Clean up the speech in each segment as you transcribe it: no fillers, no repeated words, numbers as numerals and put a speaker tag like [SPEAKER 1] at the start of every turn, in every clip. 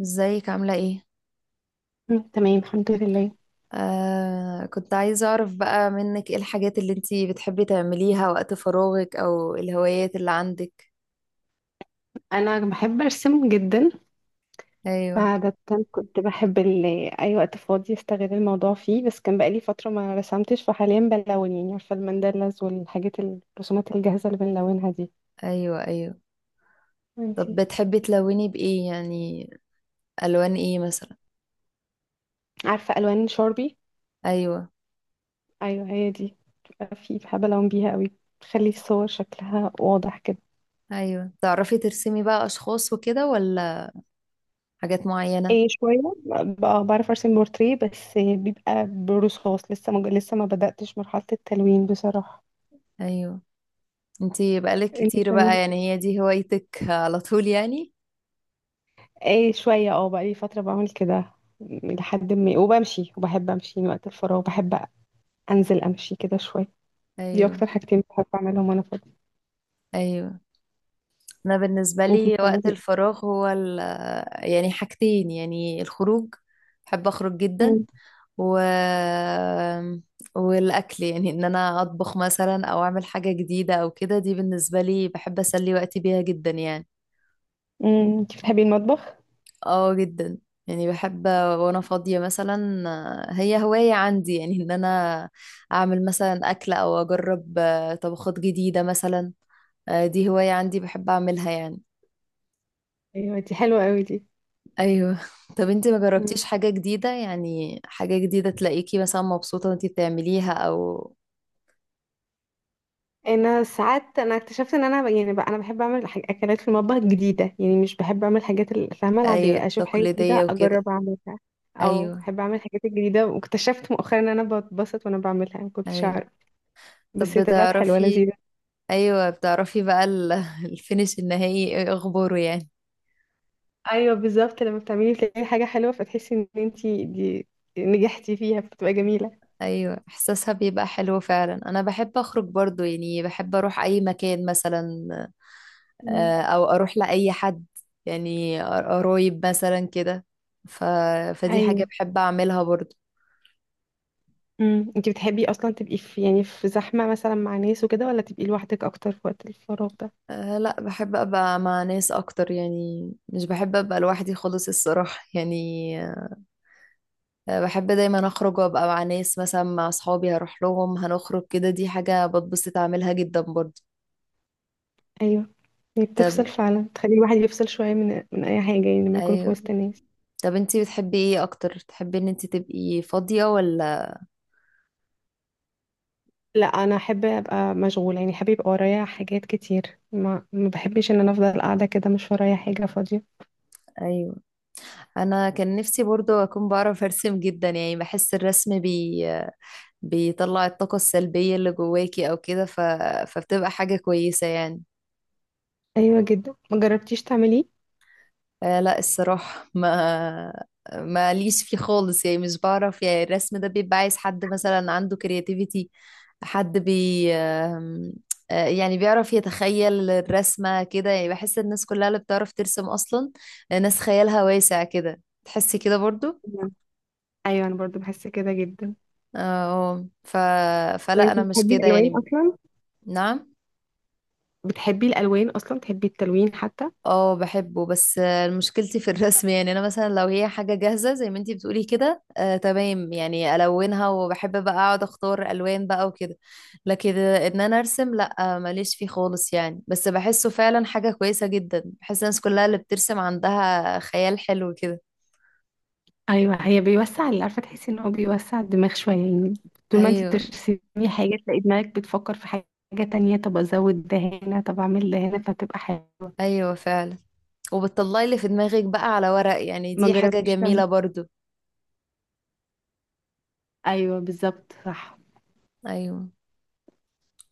[SPEAKER 1] ازيك عاملة ايه؟
[SPEAKER 2] تمام الحمد لله.
[SPEAKER 1] كنت عايزة اعرف بقى منك ايه الحاجات اللي انتي بتحبي تعمليها وقت فراغك او الهوايات اللي عندك.
[SPEAKER 2] انا بحب ارسم جدا.
[SPEAKER 1] ايوه،
[SPEAKER 2] فعادة كنت بحب اي وقت فاضي استغل الموضوع فيه، بس كان بقالي فترة ما رسمتش. فحاليا بلون، يعني عارفة الماندلاز والحاجات الرسومات الجاهزة اللي بنلونها دي.
[SPEAKER 1] ايوه، ايوه. طب
[SPEAKER 2] وانتي؟
[SPEAKER 1] بتحبي تلوني بايه يعني؟ الوان ايه مثلا؟
[SPEAKER 2] عارفة الوان شاربي؟
[SPEAKER 1] ايوه،
[SPEAKER 2] ايوه هي دي، بتبقى في بحب الون بيها قوي، تخلي الصور شكلها واضح كده.
[SPEAKER 1] ايوه. تعرفي ترسمي بقى اشخاص وكده ولا حاجات معينة؟
[SPEAKER 2] ايه شوية، بعرف ارسم بورتريه، بس بيبقى برصاص، لسه ما بدأتش مرحلة التلوين بصراحة.
[SPEAKER 1] ايوه. انتي بقالك
[SPEAKER 2] انتي
[SPEAKER 1] كتير
[SPEAKER 2] بتعملي؟
[SPEAKER 1] بقى يعني هي دي هوايتك على طول يعني؟
[SPEAKER 2] ايه شوية، اه بقالي فترة بعمل كده، لحد ما وبمشي، وبحب امشي من وقت الفراغ، بحب انزل امشي كده شوية. دي
[SPEAKER 1] ايوه،
[SPEAKER 2] اكتر حاجتين بحب اعملهم وانا فاضية.
[SPEAKER 1] ايوه. انا بالنسبه
[SPEAKER 2] انتي
[SPEAKER 1] لي
[SPEAKER 2] بتعملي
[SPEAKER 1] وقت
[SPEAKER 2] ايه؟
[SPEAKER 1] الفراغ هو ال يعني حاجتين، يعني الخروج. بحب اخرج جدا.
[SPEAKER 2] مم.
[SPEAKER 1] و والاكل، يعني ان انا اطبخ مثلا او اعمل حاجه جديده او كده، دي بالنسبه لي بحب اسلي وقتي بيها جدا يعني.
[SPEAKER 2] مم. انتي بتحبي المطبخ؟
[SPEAKER 1] اه جدا. يعني بحب وانا فاضيه مثلا، هي هوايه عندي يعني ان انا اعمل مثلا اكل او اجرب طبخات جديده مثلا. دي هوايه عندي بحب اعملها يعني.
[SPEAKER 2] ايوه دي حلوه قوي دي.
[SPEAKER 1] ايوه. طب انت ما
[SPEAKER 2] مم.
[SPEAKER 1] جربتيش حاجة جديدة؟ يعني حاجة جديدة تلاقيكي مثلا مبسوطة وانت بتعمليها او...
[SPEAKER 2] انا ساعات اكتشفت ان انا يعني بقى انا بحب اعمل اكلات في المطبخ جديدة، يعني مش بحب اعمل حاجات الفاهمة
[SPEAKER 1] ايوه
[SPEAKER 2] العادية، اشوف حاجة
[SPEAKER 1] تقليدية
[SPEAKER 2] جديدة
[SPEAKER 1] وكده.
[SPEAKER 2] اجرب اعملها، او
[SPEAKER 1] ايوه،
[SPEAKER 2] بحب اعمل الحاجات الجديدة، واكتشفت مؤخرا ان انا بتبسط وانا بعملها، ما كنتش
[SPEAKER 1] ايوه.
[SPEAKER 2] اعرف،
[SPEAKER 1] طب،
[SPEAKER 2] بس هي طلعت حلوة لذيذة.
[SPEAKER 1] ايوه، بتعرفي بقى الفينش النهائي ايه اخباره يعني؟
[SPEAKER 2] ايوه بالظبط، لما بتعملي تلاقي حاجه حلوه فتحسي ان انتي دي نجحتي فيها فبتبقى جميله.
[SPEAKER 1] ايوه احساسها بيبقى حلو فعلا. انا بحب اخرج برضو يعني، بحب اروح اي مكان مثلا.
[SPEAKER 2] مم.
[SPEAKER 1] او اروح لاي حد، يعني قرايب مثلا كده. ف... فدي حاجة
[SPEAKER 2] ايوه.
[SPEAKER 1] بحب اعملها برضو.
[SPEAKER 2] انتي بتحبي اصلا تبقي في، يعني في زحمه مثلا مع ناس وكده، ولا تبقي لوحدك اكتر في وقت الفراغ ده؟
[SPEAKER 1] لا، بحب ابقى مع ناس اكتر يعني، مش بحب ابقى لوحدي خالص الصراحة يعني. بحب دايما اخرج وابقى مع ناس، مثلا مع اصحابي هروح لهم هنخرج كده، دي حاجة بتبسط اعملها جدا برضه.
[SPEAKER 2] ايوه، هي
[SPEAKER 1] طب،
[SPEAKER 2] بتفصل فعلا، تخلي الواحد يفصل شويه من اي حاجه، يعني لما يكون في
[SPEAKER 1] ايوه.
[SPEAKER 2] وسط الناس.
[SPEAKER 1] طب انتي بتحبي ايه اكتر، تحبي ان انتي تبقي فاضية ولا؟
[SPEAKER 2] لا انا احب ابقى مشغوله، يعني احب يبقى ورايا حاجات كتير، ما بحبش ان انا افضل قاعده كده مش ورايا حاجه فاضيه.
[SPEAKER 1] ايوه. انا كان نفسي برضه اكون بعرف ارسم جدا، يعني بحس الرسم بيطلع الطاقة السلبية اللي جواكي او كده. فبتبقى حاجة كويسة يعني.
[SPEAKER 2] ايوه جدا. ما جربتيش تعمليه؟
[SPEAKER 1] لا الصراحة، ما ليش فيه خالص يعني، مش بعرف يعني. الرسم ده بيبقى عايز حد مثلا عنده كرياتيفيتي، حد بي يعني بيعرف يتخيل الرسمة كده. يعني بحس الناس كلها اللي بتعرف ترسم أصلا ناس خيالها واسع كده، تحسي كده برضو.
[SPEAKER 2] نعم. ايوه انا برضو بحس كده جدا.
[SPEAKER 1] اه
[SPEAKER 2] طب
[SPEAKER 1] فلا
[SPEAKER 2] انت
[SPEAKER 1] أنا مش
[SPEAKER 2] بتحبي
[SPEAKER 1] كده
[SPEAKER 2] الالوان
[SPEAKER 1] يعني.
[SPEAKER 2] اصلا؟
[SPEAKER 1] نعم.
[SPEAKER 2] بتحبي الالوان اصلا؟ بتحبي التلوين حتى؟
[SPEAKER 1] اه بحبه بس، مشكلتي في الرسم. يعني انا مثلا لو هي حاجه جاهزه زي ما انتي بتقولي كده، آه تمام يعني الونها، وبحب بقى اقعد اختار الوان بقى وكده. لكن ان انا ارسم، لا، ماليش فيه خالص يعني. بس بحسه فعلا حاجه كويسه جدا، بحس الناس كلها اللي بترسم عندها خيال حلو كده.
[SPEAKER 2] ايوه، هي بيوسع، اللي عارفه تحسي ان هو بيوسع الدماغ شويه يعني. طول ما انتي
[SPEAKER 1] ايوه،
[SPEAKER 2] بترسمي حاجه تلاقي دماغك بتفكر في حاجه تانية، طب ازود ده هنا، طب اعمل ده هنا، فبتبقى حلوه.
[SPEAKER 1] ايوه فعلا. وبتطلعي اللي في دماغك بقى على ورق، يعني
[SPEAKER 2] ما
[SPEAKER 1] دي حاجه
[SPEAKER 2] جربتيش تعملي؟
[SPEAKER 1] جميله برضو.
[SPEAKER 2] ايوه بالظبط صح.
[SPEAKER 1] ايوه،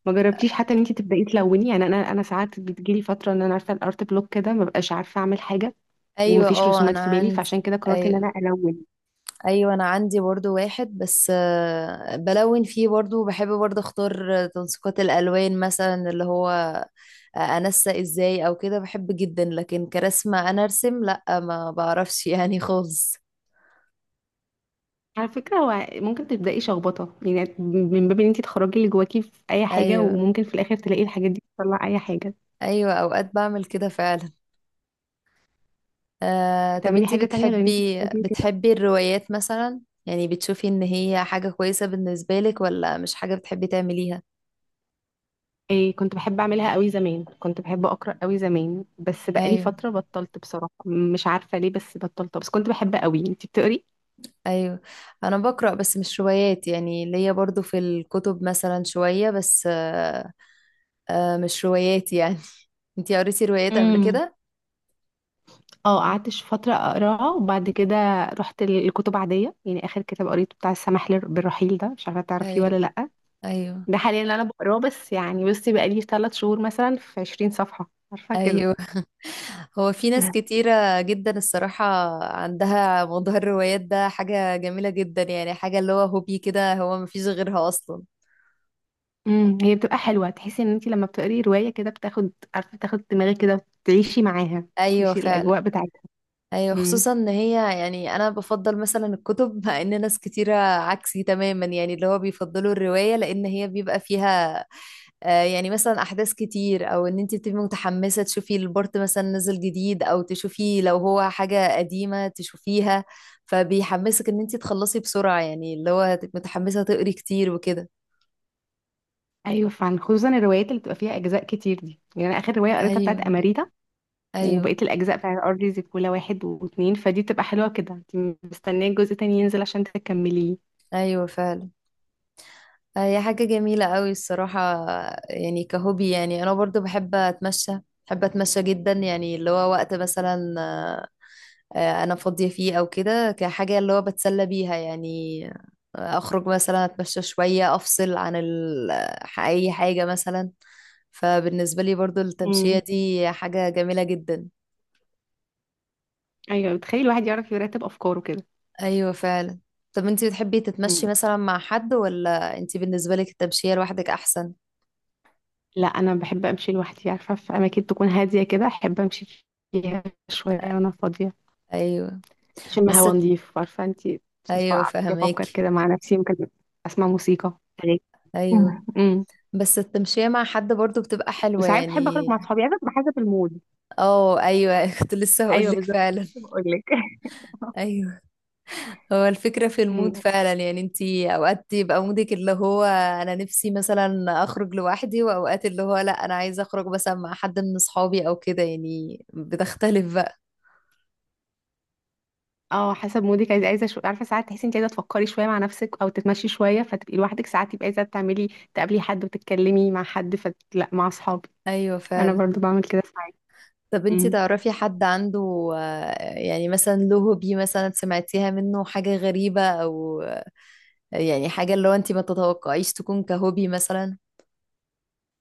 [SPEAKER 2] ما جربتيش حتى ان انتي تبداي تلوني؟ يعني انا ساعات بتجيلي فتره ان انا عارفه الارت بلوك كده، ما ببقاش عارفه اعمل حاجه،
[SPEAKER 1] ايوه،
[SPEAKER 2] ومفيش
[SPEAKER 1] اه
[SPEAKER 2] رسومات
[SPEAKER 1] انا
[SPEAKER 2] في بالي، فعشان
[SPEAKER 1] عندي.
[SPEAKER 2] كده قررت ان انا
[SPEAKER 1] ايوه،
[SPEAKER 2] الون.
[SPEAKER 1] ايوه. انا عندي برضو واحد بس، بلون فيه برضو. بحب برضو اختار تنسيقات الالوان مثلا، اللي هو انسق ازاي او كده، بحب جدا. لكن كرسمة انا ارسم، لا، ما بعرفش يعني خالص.
[SPEAKER 2] على فكرة، هو ممكن تبدأي شخبطة يعني من باب ان انتي تخرجي اللي جواكي في اي حاجة،
[SPEAKER 1] ايوه.
[SPEAKER 2] وممكن في الاخر تلاقي الحاجات دي بتطلع اي حاجة.
[SPEAKER 1] ايوه اوقات بعمل كده فعلا. طب
[SPEAKER 2] بتعملي
[SPEAKER 1] انتي
[SPEAKER 2] حاجة تانية غير ان انتي
[SPEAKER 1] بتحبي
[SPEAKER 2] بتكتبي كده؟
[SPEAKER 1] بتحبي الروايات مثلا؟ يعني بتشوفي ان هي حاجة كويسة بالنسبة لك ولا مش حاجة بتحبي تعمليها؟
[SPEAKER 2] إيه كنت بحب اعملها قوي زمان، كنت بحب اقرأ قوي زمان، بس بقالي
[SPEAKER 1] ايوه،
[SPEAKER 2] فترة بطلت بصراحة مش عارفة ليه، بس بطلت، بس كنت بحبها قوي. انتي بتقري؟
[SPEAKER 1] ايوه. انا بقرا بس مش روايات، يعني ليا برضو في الكتب مثلا شويه بس، مش روايات يعني. انتي قريتي روايات قبل
[SPEAKER 2] امم.
[SPEAKER 1] كده؟
[SPEAKER 2] اه قعدت فترة اقراها، وبعد كده رحت للكتب عادية، يعني اخر كتاب قريته بتاع السماح بالرحيل ده، مش عارفة تعرفيه
[SPEAKER 1] ايوه،
[SPEAKER 2] ولا لأ.
[SPEAKER 1] ايوه،
[SPEAKER 2] ده حاليا اللي انا بقراه، بس يعني بصي بقالي 3 شهور مثلا في 20 صفحة، عارفة كده.
[SPEAKER 1] ايوه. هو في ناس كتيره جدا الصراحه عندها موضوع الروايات ده، حاجه جميله جدا يعني، حاجه اللي هو هوبي كده هو مفيش غيرها اصلا.
[SPEAKER 2] هي بتبقى حلوة، تحسي ان انت لما بتقري رواية كده بتاخد، عارفة، تاخد دماغك كده وتعيشي معاها،
[SPEAKER 1] ايوه
[SPEAKER 2] تعيشي
[SPEAKER 1] فعلا.
[SPEAKER 2] الاجواء بتاعتها.
[SPEAKER 1] ايوه،
[SPEAKER 2] امم.
[SPEAKER 1] خصوصا ان هي، يعني انا بفضل مثلا الكتب مع ان ناس كتيره عكسي تماما، يعني اللي هو بيفضلوا الروايه لان هي بيبقى فيها يعني مثلا احداث كتير، او ان انت تبقي متحمسه تشوفي البورت مثلا نزل جديد، او تشوفي لو هو حاجه قديمه تشوفيها. فبيحمسك ان انت تخلصي بسرعه يعني، اللي هو تبقي متحمسه تقري كتير وكده.
[SPEAKER 2] ايوه فعلا، خصوصا الروايات اللي بتبقى فيها اجزاء كتير دي، يعني انا اخر رواية قريتها بتاعت
[SPEAKER 1] ايوه،
[SPEAKER 2] اماريتا،
[SPEAKER 1] ايوه.
[SPEAKER 2] وبقيت الاجزاء بتاعت ارض زيكولا واحد واتنين، فدي بتبقى حلوة كده، انت مستنية الجزء التاني ينزل عشان تكمليه.
[SPEAKER 1] ايوه فعلا. هي حاجه جميله قوي الصراحه. يعني كهوبي، يعني انا برضو بحب اتمشى. بحب اتمشى جدا يعني، اللي هو وقت مثلا انا فاضية فيه او كده، كحاجة اللي هو بتسلى بيها يعني. اخرج مثلا، اتمشى شوية، افصل عن اي حاجة مثلا. فبالنسبة لي برضو التمشية
[SPEAKER 2] امم.
[SPEAKER 1] دي حاجة جميلة جدا.
[SPEAKER 2] ايوه، بتخيل الواحد يعرف يرتب افكاره كده.
[SPEAKER 1] ايوه فعلا. طب انتي بتحبي تتمشي مثلا مع حد، ولا انتي بالنسبة لك التمشية لوحدك احسن؟
[SPEAKER 2] لا انا بحب امشي لوحدي، عارفه في اماكن تكون هاديه كده احب امشي فيها شويه وانا فاضيه،
[SPEAKER 1] ايوه
[SPEAKER 2] اشم
[SPEAKER 1] بس،
[SPEAKER 2] هوا نضيف، عارفه انت،
[SPEAKER 1] ايوه
[SPEAKER 2] افكر
[SPEAKER 1] فهماكي.
[SPEAKER 2] كده مع نفسي، ممكن اسمع موسيقى أغاني.
[SPEAKER 1] ايوه
[SPEAKER 2] مم. امم.
[SPEAKER 1] بس التمشية مع حد برضو بتبقى حلوة
[SPEAKER 2] وساعات بحب اخرج
[SPEAKER 1] يعني.
[SPEAKER 2] مع اصحابي، عارفه بتبقى حسب المود.
[SPEAKER 1] اه ايوه كنت لسه
[SPEAKER 2] ايوه
[SPEAKER 1] هقولك
[SPEAKER 2] بالظبط،
[SPEAKER 1] فعلا.
[SPEAKER 2] لسه بقول لك.
[SPEAKER 1] ايوه. هو الفكرة في المود
[SPEAKER 2] امم،
[SPEAKER 1] فعلا يعني، انتي اوقات يبقى مودك اللي هو انا نفسي مثلا اخرج لوحدي، واوقات اللي هو لا انا عايزة اخرج مثلا مع حد من اصحابي او كده، يعني بتختلف بقى.
[SPEAKER 2] اه، حسب مودك، عارفه ساعات تحسي انت عايزه تفكري شويه مع نفسك او تتمشي شويه فتبقي لوحدك، ساعات تبقي عايزه تقابلي حد وتتكلمي مع حد، فلا مع اصحابي.
[SPEAKER 1] ايوه
[SPEAKER 2] انا
[SPEAKER 1] فعلا.
[SPEAKER 2] برضو بعمل كده ساعات.
[SPEAKER 1] طب انتي
[SPEAKER 2] امم.
[SPEAKER 1] تعرفي حد عنده يعني مثلا له هوبي مثلا سمعتيها منه حاجة غريبة، او يعني حاجة اللي هو انتي ما تتوقعيش تكون كهوبي مثلا؟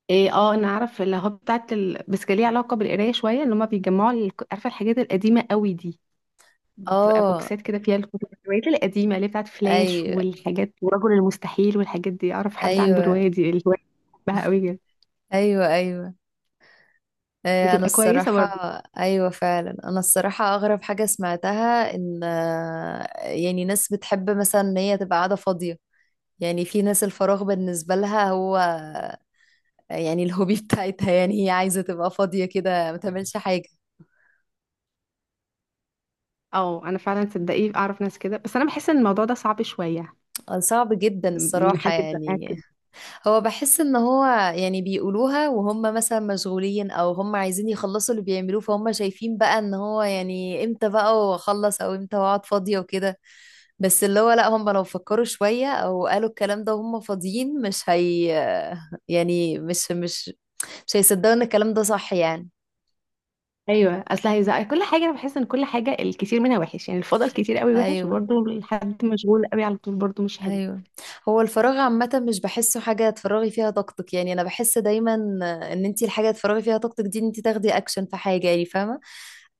[SPEAKER 2] ايه اه، انا عارف اللي هو بتاعت بس كان ليه علاقه بالقرايه شويه، ان هما بيجمعوا عارفه الحاجات القديمه قوي دي، بتبقى
[SPEAKER 1] اه
[SPEAKER 2] بوكسات كده فيها الكتب الروايات القديمه اللي هي بتاعت فلاش
[SPEAKER 1] ايوه.
[SPEAKER 2] والحاجات ورجل المستحيل والحاجات دي. اعرف حد عنده
[SPEAKER 1] ايوه،
[SPEAKER 2] الروايه دي الهوايه؟ بحبها قوي جدا.
[SPEAKER 1] ايوه، ايوه. انا
[SPEAKER 2] بتبقى كويسه
[SPEAKER 1] الصراحة.
[SPEAKER 2] برضه.
[SPEAKER 1] ايوه فعلا. انا الصراحة اغرب حاجة سمعتها ان يعني ناس بتحب مثلا ان هي تبقى قاعدة فاضية. يعني في ناس الفراغ بالنسبة لها هو يعني الهوبي بتاعتها، يعني هي عايزة تبقى فاضية كده ما تعملش حاجة.
[SPEAKER 2] اه انا فعلا صدقيه اعرف ناس كده، بس انا بحس ان الموضوع ده صعب شويه،
[SPEAKER 1] صعب جدا
[SPEAKER 2] ان
[SPEAKER 1] الصراحة
[SPEAKER 2] حد يبقى
[SPEAKER 1] يعني.
[SPEAKER 2] كده.
[SPEAKER 1] هو بحس ان هو يعني بيقولوها وهم مثلا مشغولين او هم عايزين يخلصوا اللي بيعملوه، فهم شايفين بقى ان هو يعني امتى بقى واخلص، او امتى واقعد فاضية وكده. بس اللي هو لا، هم لو فكروا شوية او قالوا الكلام ده وهم فاضيين مش هي، يعني مش هيصدقوا ان الكلام ده صح يعني.
[SPEAKER 2] ايوه، اصل هيزق كل حاجه، انا بحس ان كل حاجه الكتير منها وحش يعني، الفضل كتير قوي وحش،
[SPEAKER 1] ايوه،
[SPEAKER 2] وبرضه الحد مشغول قوي على طول برضه مش حلو.
[SPEAKER 1] ايوه. هو الفراغ عامة مش بحسه حاجة تفرغي فيها طاقتك، يعني انا بحس دايما ان انتي الحاجة تفرغي فيها طاقتك دي ان انتي تاخدي اكشن في حاجة يعني، فاهمة؟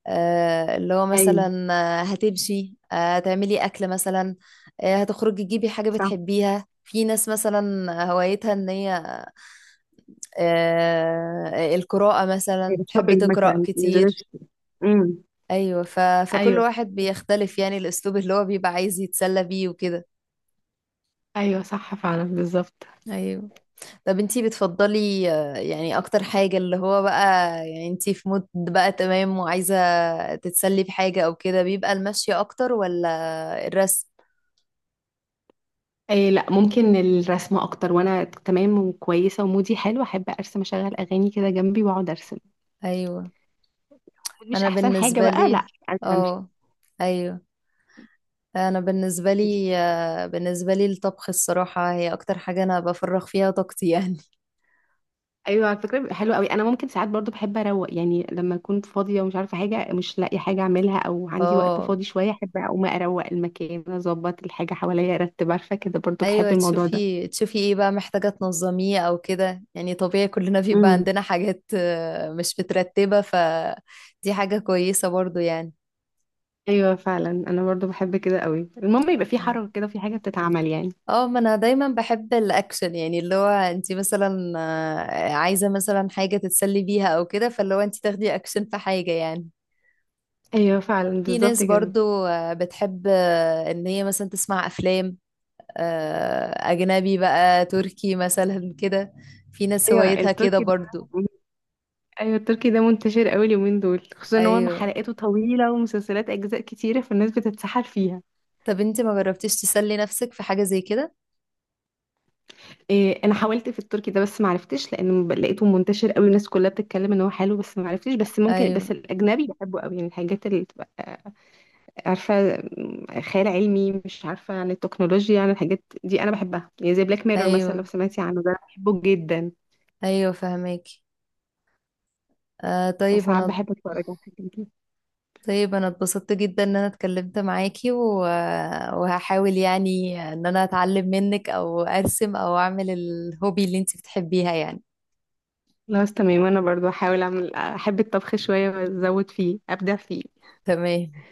[SPEAKER 1] اللي هو
[SPEAKER 2] ايوه
[SPEAKER 1] مثلا هتمشي، هتعملي أكل مثلا، هتخرجي تجيبي حاجة
[SPEAKER 2] صح.
[SPEAKER 1] بتحبيها. في ناس مثلا هوايتها ان هي القراءة مثلا،
[SPEAKER 2] أيوة
[SPEAKER 1] تحب
[SPEAKER 2] شوبينج
[SPEAKER 1] تقرأ
[SPEAKER 2] مثلا نزلت.
[SPEAKER 1] كتير.
[SPEAKER 2] امم.
[SPEAKER 1] أيوة فكل
[SPEAKER 2] ايوه
[SPEAKER 1] واحد بيختلف يعني الأسلوب اللي هو بيبقى عايز يتسلى بيه وكده.
[SPEAKER 2] ايوه، صح فعلا بالظبط.
[SPEAKER 1] أيوة. طب انتي بتفضلي يعني أكتر حاجة اللي هو بقى يعني انتي في مود بقى تمام وعايزة تتسلي بحاجة أو كده، بيبقى المشي أكتر ولا الرسم؟
[SPEAKER 2] اي، لا ممكن الرسمه اكتر، وانا تمام وكويسه ومودي حلو احب ارسم، اشغل اغاني كده جنبي واقعد ارسم،
[SPEAKER 1] أيوة.
[SPEAKER 2] مش
[SPEAKER 1] أنا
[SPEAKER 2] احسن حاجه
[SPEAKER 1] بالنسبة
[SPEAKER 2] بقى.
[SPEAKER 1] لي
[SPEAKER 2] لا عايزة أمشي.
[SPEAKER 1] اه، أيوة. أنا بالنسبة
[SPEAKER 2] انتي-
[SPEAKER 1] لي بالنسبة لي الطبخ الصراحة هي أكتر حاجة أنا بفرغ فيها طاقتي يعني.
[SPEAKER 2] ايوه على فكره بيبقى حلو قوي. انا ممكن ساعات برضو بحب اروق، يعني لما اكون فاضيه ومش عارفه حاجه مش لاقي حاجه اعملها، او عندي وقت
[SPEAKER 1] اه،
[SPEAKER 2] فاضي شويه احب اقوم اروق المكان اظبط الحاجه حواليا ارتب، عارفه كده، برضو بحب
[SPEAKER 1] ايوه،
[SPEAKER 2] الموضوع
[SPEAKER 1] تشوفي ايه بقى محتاجة تنظميه او كده. يعني طبيعي كلنا بيبقى
[SPEAKER 2] ده.
[SPEAKER 1] عندنا حاجات مش مترتبة، فدي حاجة كويسة برضو يعني.
[SPEAKER 2] ايوه فعلا، انا برضو بحب كده قوي، المهم يبقى في حركه كده في حاجه بتتعمل يعني.
[SPEAKER 1] اه، ما انا دايما بحب الاكشن يعني، اللي هو انت مثلا عايزة مثلا حاجة تتسلي بيها او كده، فاللي هو انت تاخدي اكشن في حاجة يعني.
[SPEAKER 2] ايوه فعلا
[SPEAKER 1] في ناس
[SPEAKER 2] بالظبط كده.
[SPEAKER 1] برضو بتحب ان هي مثلا تسمع افلام اجنبي بقى، تركي مثلا كده. في ناس
[SPEAKER 2] ايوه
[SPEAKER 1] هوايتها كده
[SPEAKER 2] التركي ده.
[SPEAKER 1] برضو.
[SPEAKER 2] ايوه التركي ده منتشر قوي اليومين دول، خصوصا ان هو
[SPEAKER 1] ايوه.
[SPEAKER 2] حلقاته طويله ومسلسلات اجزاء كتيره فالناس بتتسحل فيها.
[SPEAKER 1] طب انت ما جربتيش تسلي نفسك في حاجة زي كده؟
[SPEAKER 2] إيه انا حاولت في التركي ده بس ما عرفتش، لان لقيته منتشر قوي، الناس كلها بتتكلم ان هو حلو، بس ما عرفتش، بس ممكن، بس
[SPEAKER 1] ايوه،
[SPEAKER 2] الاجنبي بحبه قوي يعني، الحاجات اللي بتبقى عارفة خيال علمي، مش عارفة عن التكنولوجيا عن الحاجات دي، أنا بحبها يعني زي بلاك ميرور مثلا لو
[SPEAKER 1] ايوه،
[SPEAKER 2] سمعتي عنه ده، أنا بحبه جدا،
[SPEAKER 1] ايوه فهماكي. آه طيب
[SPEAKER 2] فساعات
[SPEAKER 1] انا
[SPEAKER 2] بحب أتفرج على الحاجات دي.
[SPEAKER 1] طيب انا اتبسطت جدا ان انا اتكلمت معاكي، و... وهحاول يعني ان انا اتعلم منك او ارسم او اعمل الهوبي اللي انت بتحبيها يعني.
[SPEAKER 2] خلاص تمام، أنا برضو هحاول أعمل، أحب الطبخ شوية وأزود فيه أبدع فيه.
[SPEAKER 1] تمام.